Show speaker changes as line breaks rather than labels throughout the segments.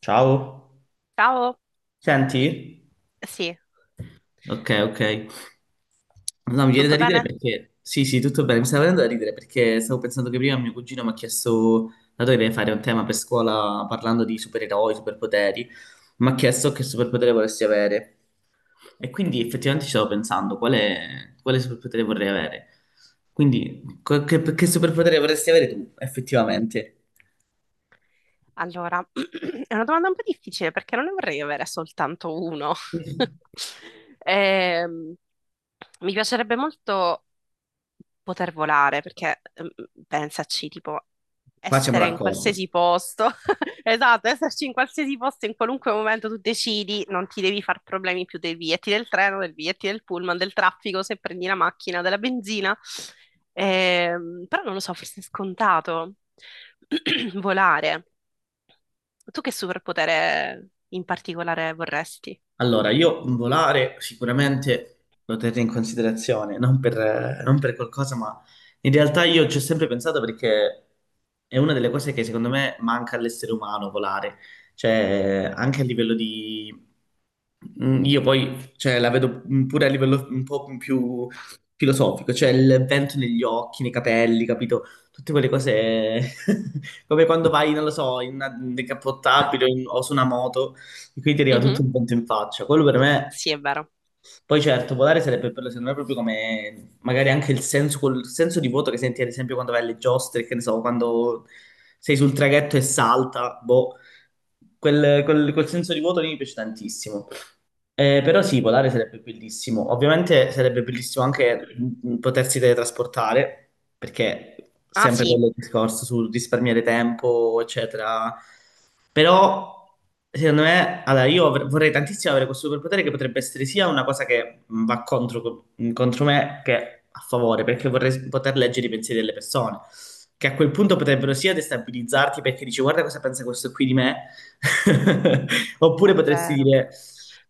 Ciao,
Ciao,
senti?
sì,
Ok, ok. No, mi viene da
tutto
ridere
bene?
perché. Sì, sì, tutto bene. Mi stava venendo da ridere perché stavo pensando che prima mio cugino mi ha chiesto, dato che deve fare un tema per scuola parlando di supereroi, superpoteri, mi ha chiesto che superpotere volessi avere. E quindi effettivamente ci stavo pensando, quale superpotere vorrei avere? Quindi, che superpotere vorresti avere tu, effettivamente?
Allora, è una domanda un po' difficile perché non ne vorrei avere soltanto uno.
Sì.
Ehm, mi piacerebbe molto poter volare perché, pensaci, tipo,
Qua siamo
essere in
d'accordo.
qualsiasi posto, esatto, esserci in qualsiasi posto, in qualunque momento tu decidi, non ti devi far problemi più dei biglietti del treno, del biglietti del pullman, del traffico, se prendi la macchina, della benzina. Però non lo so, forse è scontato volare. Tu che superpotere in particolare vorresti?
Allora, io volare sicuramente lo terrei in considerazione, non per qualcosa, ma in realtà io ci ho sempre pensato perché è una delle cose che secondo me manca all'essere umano volare, cioè anche a livello di. Io poi cioè, la vedo pure a livello un po' più filosofico, cioè il vento negli occhi, nei capelli, capito? Tutte quelle cose come quando vai, non lo so, in una decappottabile o o su una moto. E quindi ti arriva tutto
Mhm.
un vento in faccia. Quello per me,
Sì, è vero.
poi certo, volare sarebbe bello, secondo me, proprio come magari anche il senso, quel senso di vuoto che senti, ad esempio, quando vai alle giostre, che ne so, quando sei sul traghetto e salta, boh, quel senso di vuoto lì mi piace tantissimo. Però sì, volare sarebbe bellissimo. Ovviamente sarebbe bellissimo anche potersi teletrasportare, perché
Ah,
sempre
sì,
quello il discorso sul risparmiare tempo, eccetera. Però, secondo me, allora io vorrei tantissimo avere questo superpotere che potrebbe essere sia una cosa che va contro, contro me che a favore, perché vorrei poter leggere i pensieri delle persone, che a quel punto potrebbero sia destabilizzarti perché dici guarda cosa pensa questo qui di me, oppure
è
potresti
vero.
dire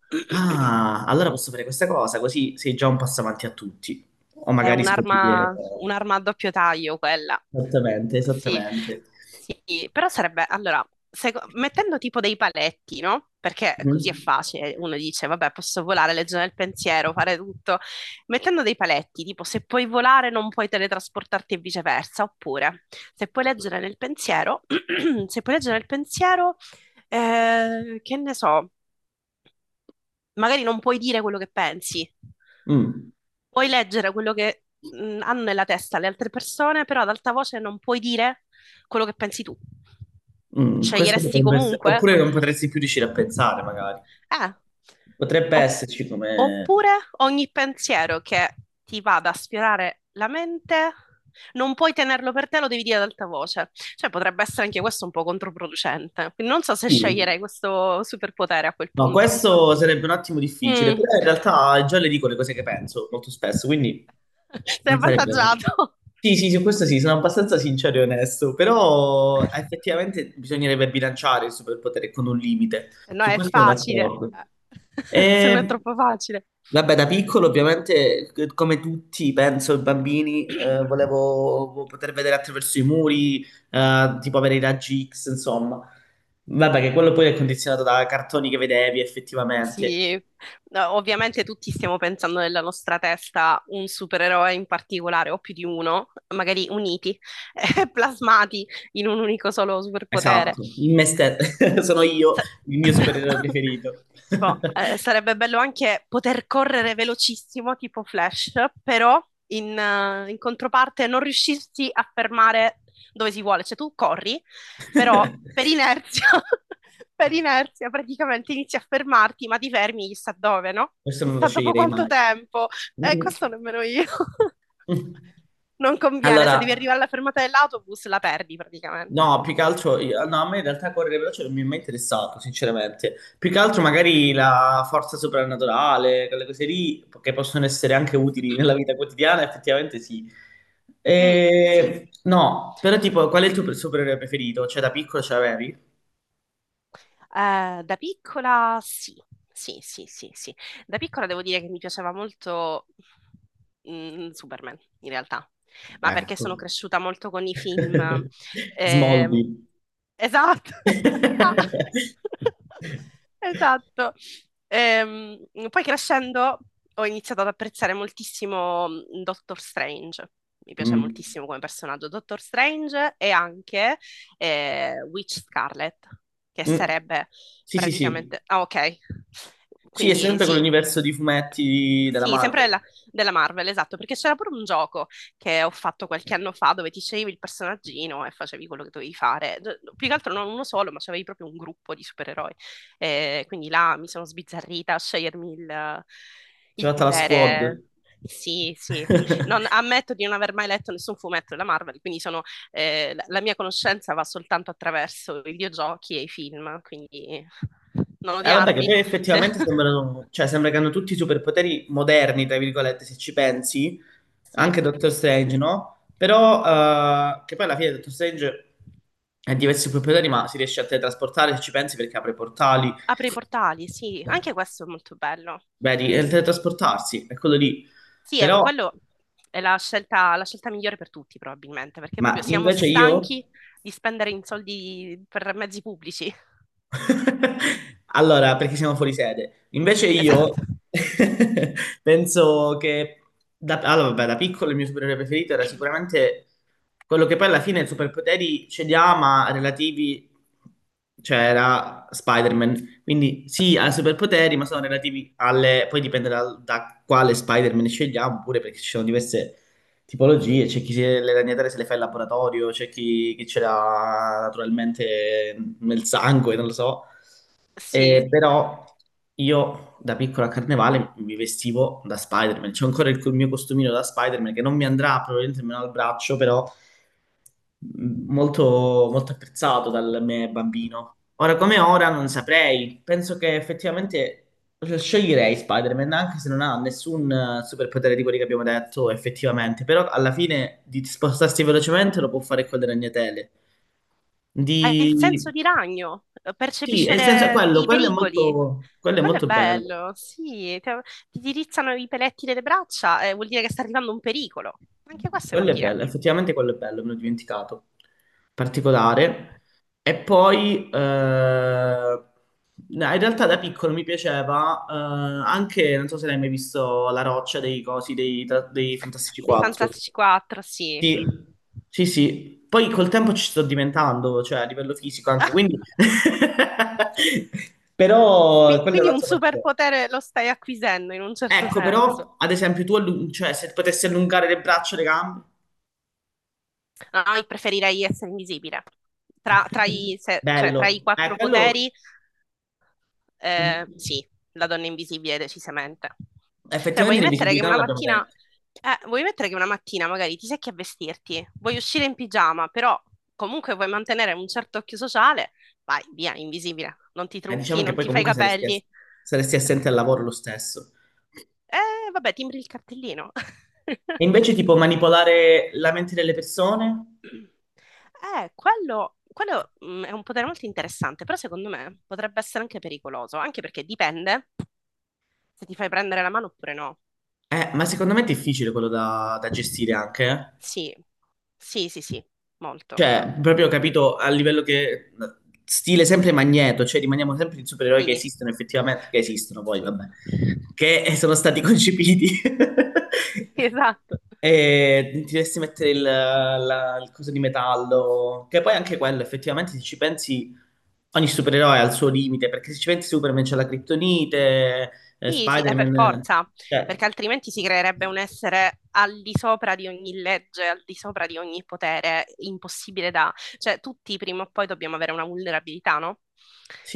ah, allora posso fare questa cosa, così sei già un passo avanti a tutti, o
È
magari scoprire
un'arma a doppio taglio quella.
esattamente,
Sì,
esattamente.
sì, però sarebbe, allora, mettendo tipo dei paletti, no? Perché così è
Mhm.
facile, uno dice, vabbè, posso volare, legge nel pensiero, fare tutto. Mettendo dei paletti, tipo, se puoi volare non puoi teletrasportarti e viceversa, oppure, se puoi leggere nel pensiero, se puoi leggere nel pensiero, che ne so, magari non puoi dire quello che pensi,
Mm.
puoi leggere quello che hanno nella testa le altre persone, però ad alta voce non puoi dire quello che pensi tu.
Mm, questo
Sceglieresti
potrebbe essere,
comunque?
oppure non potresti più riuscire a pensare, magari.
Eh.
Potrebbe
Opp-
esserci come.
oppure ogni pensiero che ti vada a sfiorare la mente, non puoi tenerlo per te, lo devi dire ad alta voce. Cioè, potrebbe essere anche questo un po' controproducente. Quindi non so se
Sì.
sceglierei questo superpotere a quel
No,
punto.
questo sarebbe un attimo difficile,
Mm.
però in realtà già le dico le cose che penso molto spesso, quindi
Sei
non sarebbe.
avvantaggiato.
Sì, sì, su questo sì, sono abbastanza sincero e onesto, però effettivamente bisognerebbe bilanciare il superpotere con un limite.
Se no
Su
è
questo sono
facile,
d'accordo.
se no è
Ehm,
troppo facile.
Vabbè, da piccolo ovviamente, come tutti, penso, i bambini, volevo poter vedere attraverso i muri, tipo avere i raggi X, insomma. Vabbè, che quello poi è condizionato da cartoni che vedevi effettivamente.
Sì, no, ovviamente tutti stiamo pensando nella nostra testa un supereroe in particolare, o più di uno, magari uniti, plasmati in un unico solo superpotere.
Esatto, in me
Tipo,
stesso, sono io
sa-
il mio supereroe preferito.
tipo, sarebbe bello anche poter correre velocissimo, tipo Flash, però in controparte non riuscirsi a fermare dove si vuole. Cioè, tu corri però per inerzia, per inerzia praticamente inizi a fermarti, ma ti fermi chissà dove, no?
Questo non lo
Chissà dopo
sceglierei
quanto
mai.
tempo. Questo nemmeno io. Non conviene, se devi arrivare
Allora,
alla fermata dell'autobus la perdi praticamente.
no, più che altro, io- no, a me in realtà correre veloce non mi è mai interessato, sinceramente. Più che altro magari la forza soprannaturale, quelle cose lì, che possono essere anche utili nella vita quotidiana, effettivamente sì.
Mm, sì.
E. No, però tipo, qual è il tuo supereroe preferito? Cioè, da piccolo ce l'avevi?
Da piccola sì, sì, sì, sì, sì. Da piccola devo dire che mi piaceva molto Superman, in realtà, ma perché sono
Ecco.
cresciuta molto con i film eh.
Smallville.
Esatto. Ah. Esatto. Ehm, poi crescendo ho iniziato ad apprezzare moltissimo Doctor Strange. Mi piace
Mm.
moltissimo come personaggio Doctor Strange e anche Witch Scarlet, che
Mm.
sarebbe
Sì, sì, sì.
praticamente... Ah, ok.
Sì, è
Quindi
sempre
sì,
quell'universo di fumetti della
sì, sempre
Marvel.
della, della Marvel, esatto, perché c'era pure un gioco che ho fatto qualche anno fa dove ti sceglievi il personaggino e facevi quello che dovevi fare. Più che altro non uno solo, ma c'avevi proprio un gruppo di supereroi. Quindi là mi sono sbizzarrita a scegliermi
Si è
il
fatta la squad.
potere. Sì, sì. Ammetto di non aver mai letto nessun fumetto della Marvel, quindi sono, la mia conoscenza va soltanto attraverso i videogiochi e i film, quindi non
Vabbè, che
odiarmi.
poi
Se-
effettivamente sembrano, cioè, sembra che hanno tutti i superpoteri moderni, tra virgolette, se ci pensi,
Sì.
anche Doctor Strange, no? Però, che poi alla fine Doctor Strange ha diversi superpoteri, ma si riesce a teletrasportare, se ci pensi, perché apre portali.
Apre i portali, sì, anche questo è molto bello.
Vedi, è il teletrasportarsi, è quello lì.
Sì,
Però,
quello è la scelta migliore per tutti, probabilmente, perché proprio
ma
siamo
invece io.
stanchi di spendere in soldi per mezzi pubblici.
Allora, perché siamo fuori sede. Invece
Esatto.
io penso che da, allora, vabbè, da piccolo il mio supereroe preferito era sicuramente quello che poi alla fine superpoteri ce li ha, ma relativi, cioè era Spider-Man. Quindi sì, ha superpoteri, ma sono relativi alle. Poi dipende da quale Spider-Man scegliamo, pure perché ci sono diverse tipologie, c'è chi se le ragnatele se le fa in laboratorio, c'è chi, chi ce l'ha naturalmente nel sangue, non lo so.
Sì,
Però io da piccola a carnevale mi vestivo da Spider-Man. C'è ancora il mio costumino da Spider-Man che non mi andrà probabilmente meno al braccio, però molto, molto apprezzato dal me bambino. Ora come ora non saprei, penso che effettivamente sceglierei Spider-Man anche se non ha nessun superpotere di quelli che abbiamo detto effettivamente, però alla fine di spostarsi velocemente lo può fare con le ragnatele.
hai il senso
Di.
di ragno,
Sì,
percepisce
nel senso quello,
i pericoli.
quello è
Quello è
molto bello.
bello, sì, ti dirizzano i peletti delle braccia, vuol dire che sta arrivando un pericolo. Anche questo è
Quello è
utile.
bello, effettivamente quello è bello, me l'ho dimenticato. Particolare. E poi, no, in realtà da piccolo mi piaceva anche, non so se l'hai mai visto, La roccia dei cosi, dei Fantastici
Dei
4.
Fantastici 4, sì.
Sì, sì, sì. Poi col tempo ci sto diventando, cioè a livello fisico anche, quindi. Però quello è
Quindi un
un'altra particolare.
superpotere lo stai acquisendo in un certo
Ecco,
senso.
però, ad esempio, tu, cioè, se potessi allungare le braccia e le gambe.
No, io preferirei essere invisibile. Tra, tra i, se- cioè, tra i
Bello.
quattro
Quello.
poteri,
Mhm.
sì, la donna invisibile decisamente. Cioè, vuoi
Effettivamente
mettere che
l'invisibilità non
una
l'abbiamo
mattina,
detto.
vuoi mettere che una mattina magari ti secchi a vestirti, vuoi uscire in pigiama, però comunque vuoi mantenere un certo occhio sociale, vai via, invisibile. Non ti
Diciamo
trucchi,
che
non
poi
ti fai i
comunque saresti, ass-
capelli.
saresti assente al lavoro lo stesso.
Vabbè, timbri il cartellino.
E invece tipo manipolare la mente delle persone?
Quello è un potere molto interessante, però secondo me potrebbe essere anche pericoloso, anche perché dipende se ti fai prendere la mano oppure no.
Ma secondo me è difficile quello da gestire anche, eh.
Sì, sì, sì, sì, molto.
Cioè, proprio ho capito a livello che. Stile sempre Magneto, cioè rimaniamo sempre i supereroi che
Sì,
esistono effettivamente, che esistono poi,
sì.
vabbè, che sono stati concepiti.
Sì, esatto.
E ti dovresti mettere il coso di metallo, che poi anche quello, effettivamente, se ci pensi, ogni supereroe ha il suo limite, perché se ci pensi Superman c'ha la Kryptonite,
Sì, sì, è per
Spider-Man,
forza, perché
cioè,
altrimenti si creerebbe un essere al di sopra di ogni legge, al di sopra di ogni potere, impossibile da... Cioè, tutti prima o poi dobbiamo avere una vulnerabilità, no?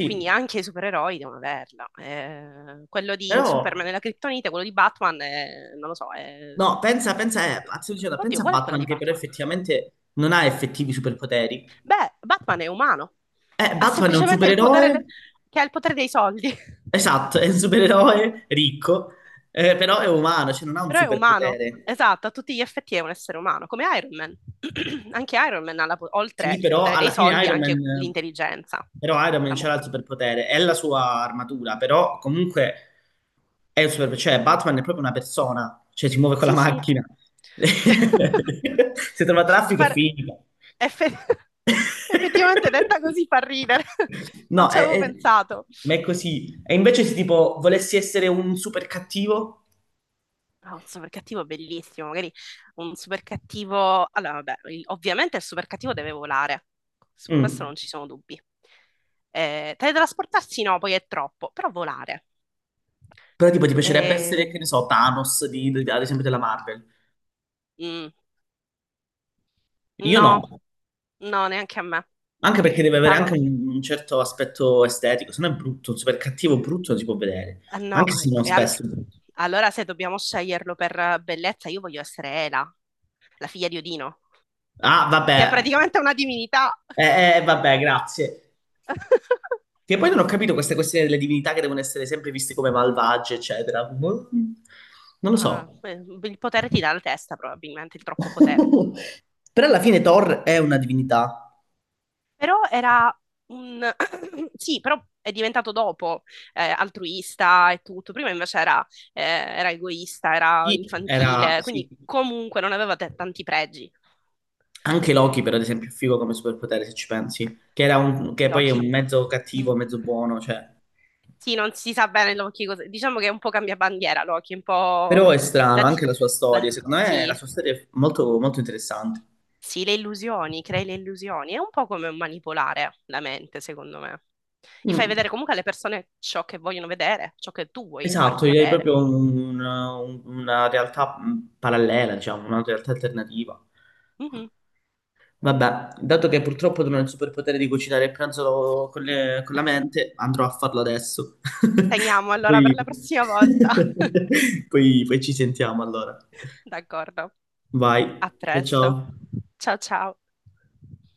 Quindi anche i supereroi devono averla. Quello di Superman è
però,
la criptonite, quello di Batman è... non lo so, è...
no, pensa, pensa, pazzo dicendo, pensa
Oddio,
a
qual è quella
Batman,
di
che però
Batman?
effettivamente non ha effettivi superpoteri.
Beh, Batman è umano, ha
Batman è un
semplicemente il potere,
supereroe,
che ha il potere dei soldi.
esatto, è un supereroe ricco, però è umano, cioè non ha un
Però è umano,
superpotere.
esatto, a tutti gli effetti è un essere umano, come Iron Man. Anche Iron Man ha, oltre
Sì,
il
però
potere dei
alla fine
soldi,
Iron
anche
Man,
l'intelligenza.
però Iron Man
La mo-
c'era il superpotere, è la sua armatura, però comunque è un super, cioè Batman è proprio una persona, cioè si muove con la
sì, sì.
macchina. Se trova traffico è
Far-
finita.
effe- Effettivamente detta così fa ridere, non
No,
ci avevo pensato.
ma è così. E invece se tipo volessi essere un super cattivo,
Ah, un super cattivo bellissimo, magari un super cattivo. Allora, vabbè, ovviamente il super cattivo deve volare, su questo
mm,
non ci sono dubbi. Teletrasportarsi no, poi è troppo, però volare.
però tipo ti piacerebbe essere,
Eh,
che ne so, Thanos ad esempio della Marvel.
mm,
Io no.
no, no, neanche a me.
Anche perché deve avere anche
Tano-
un certo aspetto estetico, se no è brutto, super cattivo, brutto non si può vedere,
no,
anche se non
e all-
spesso è brutto.
allora se dobbiamo sceglierlo per bellezza, io voglio essere Ela, la figlia di Odino,
Ah,
che è
vabbè,
praticamente una divinità.
vabbè, grazie. Che poi non ho capito queste questioni delle divinità che devono essere sempre viste come malvagie, eccetera. Boh, non lo
Ma
so.
il potere ti dà la testa, probabilmente, il troppo potere.
Però alla fine Thor è una divinità.
Però era un... sì, però è diventato dopo altruista e tutto. Prima invece era, era egoista, era
Sì, era,
infantile,
sì.
quindi comunque non aveva tanti pregi.
Anche Loki, per ad esempio, è figo come superpotere, se ci pensi. Che poi è un
Loki,
mezzo cattivo,
il-
mezzo buono, cioè.
sì, non si sa bene Loki cosa... Diciamo che è un po' cambia bandiera Loki, è un
Però
po'...
è strano
La... di-
anche la sua storia, secondo me la
Sì,
sua storia è molto, molto interessante.
sì, le illusioni, crei le illusioni. È un po' come manipolare la mente, secondo me. Gli fai vedere
Mm,
comunque alle persone ciò che vogliono vedere, ciò che tu vuoi
esatto,
fargli
direi
vedere.
proprio una realtà parallela, diciamo, una realtà alternativa.
Mhm.
Vabbè, dato che purtroppo non ho il superpotere di cucinare il pranzo con con la mente, andrò a farlo adesso.
Segniamo allora per
Poi,
la prossima volta.
poi ci sentiamo allora.
D'accordo. A
Vai, ciao
presto.
ciao.
Ciao ciao.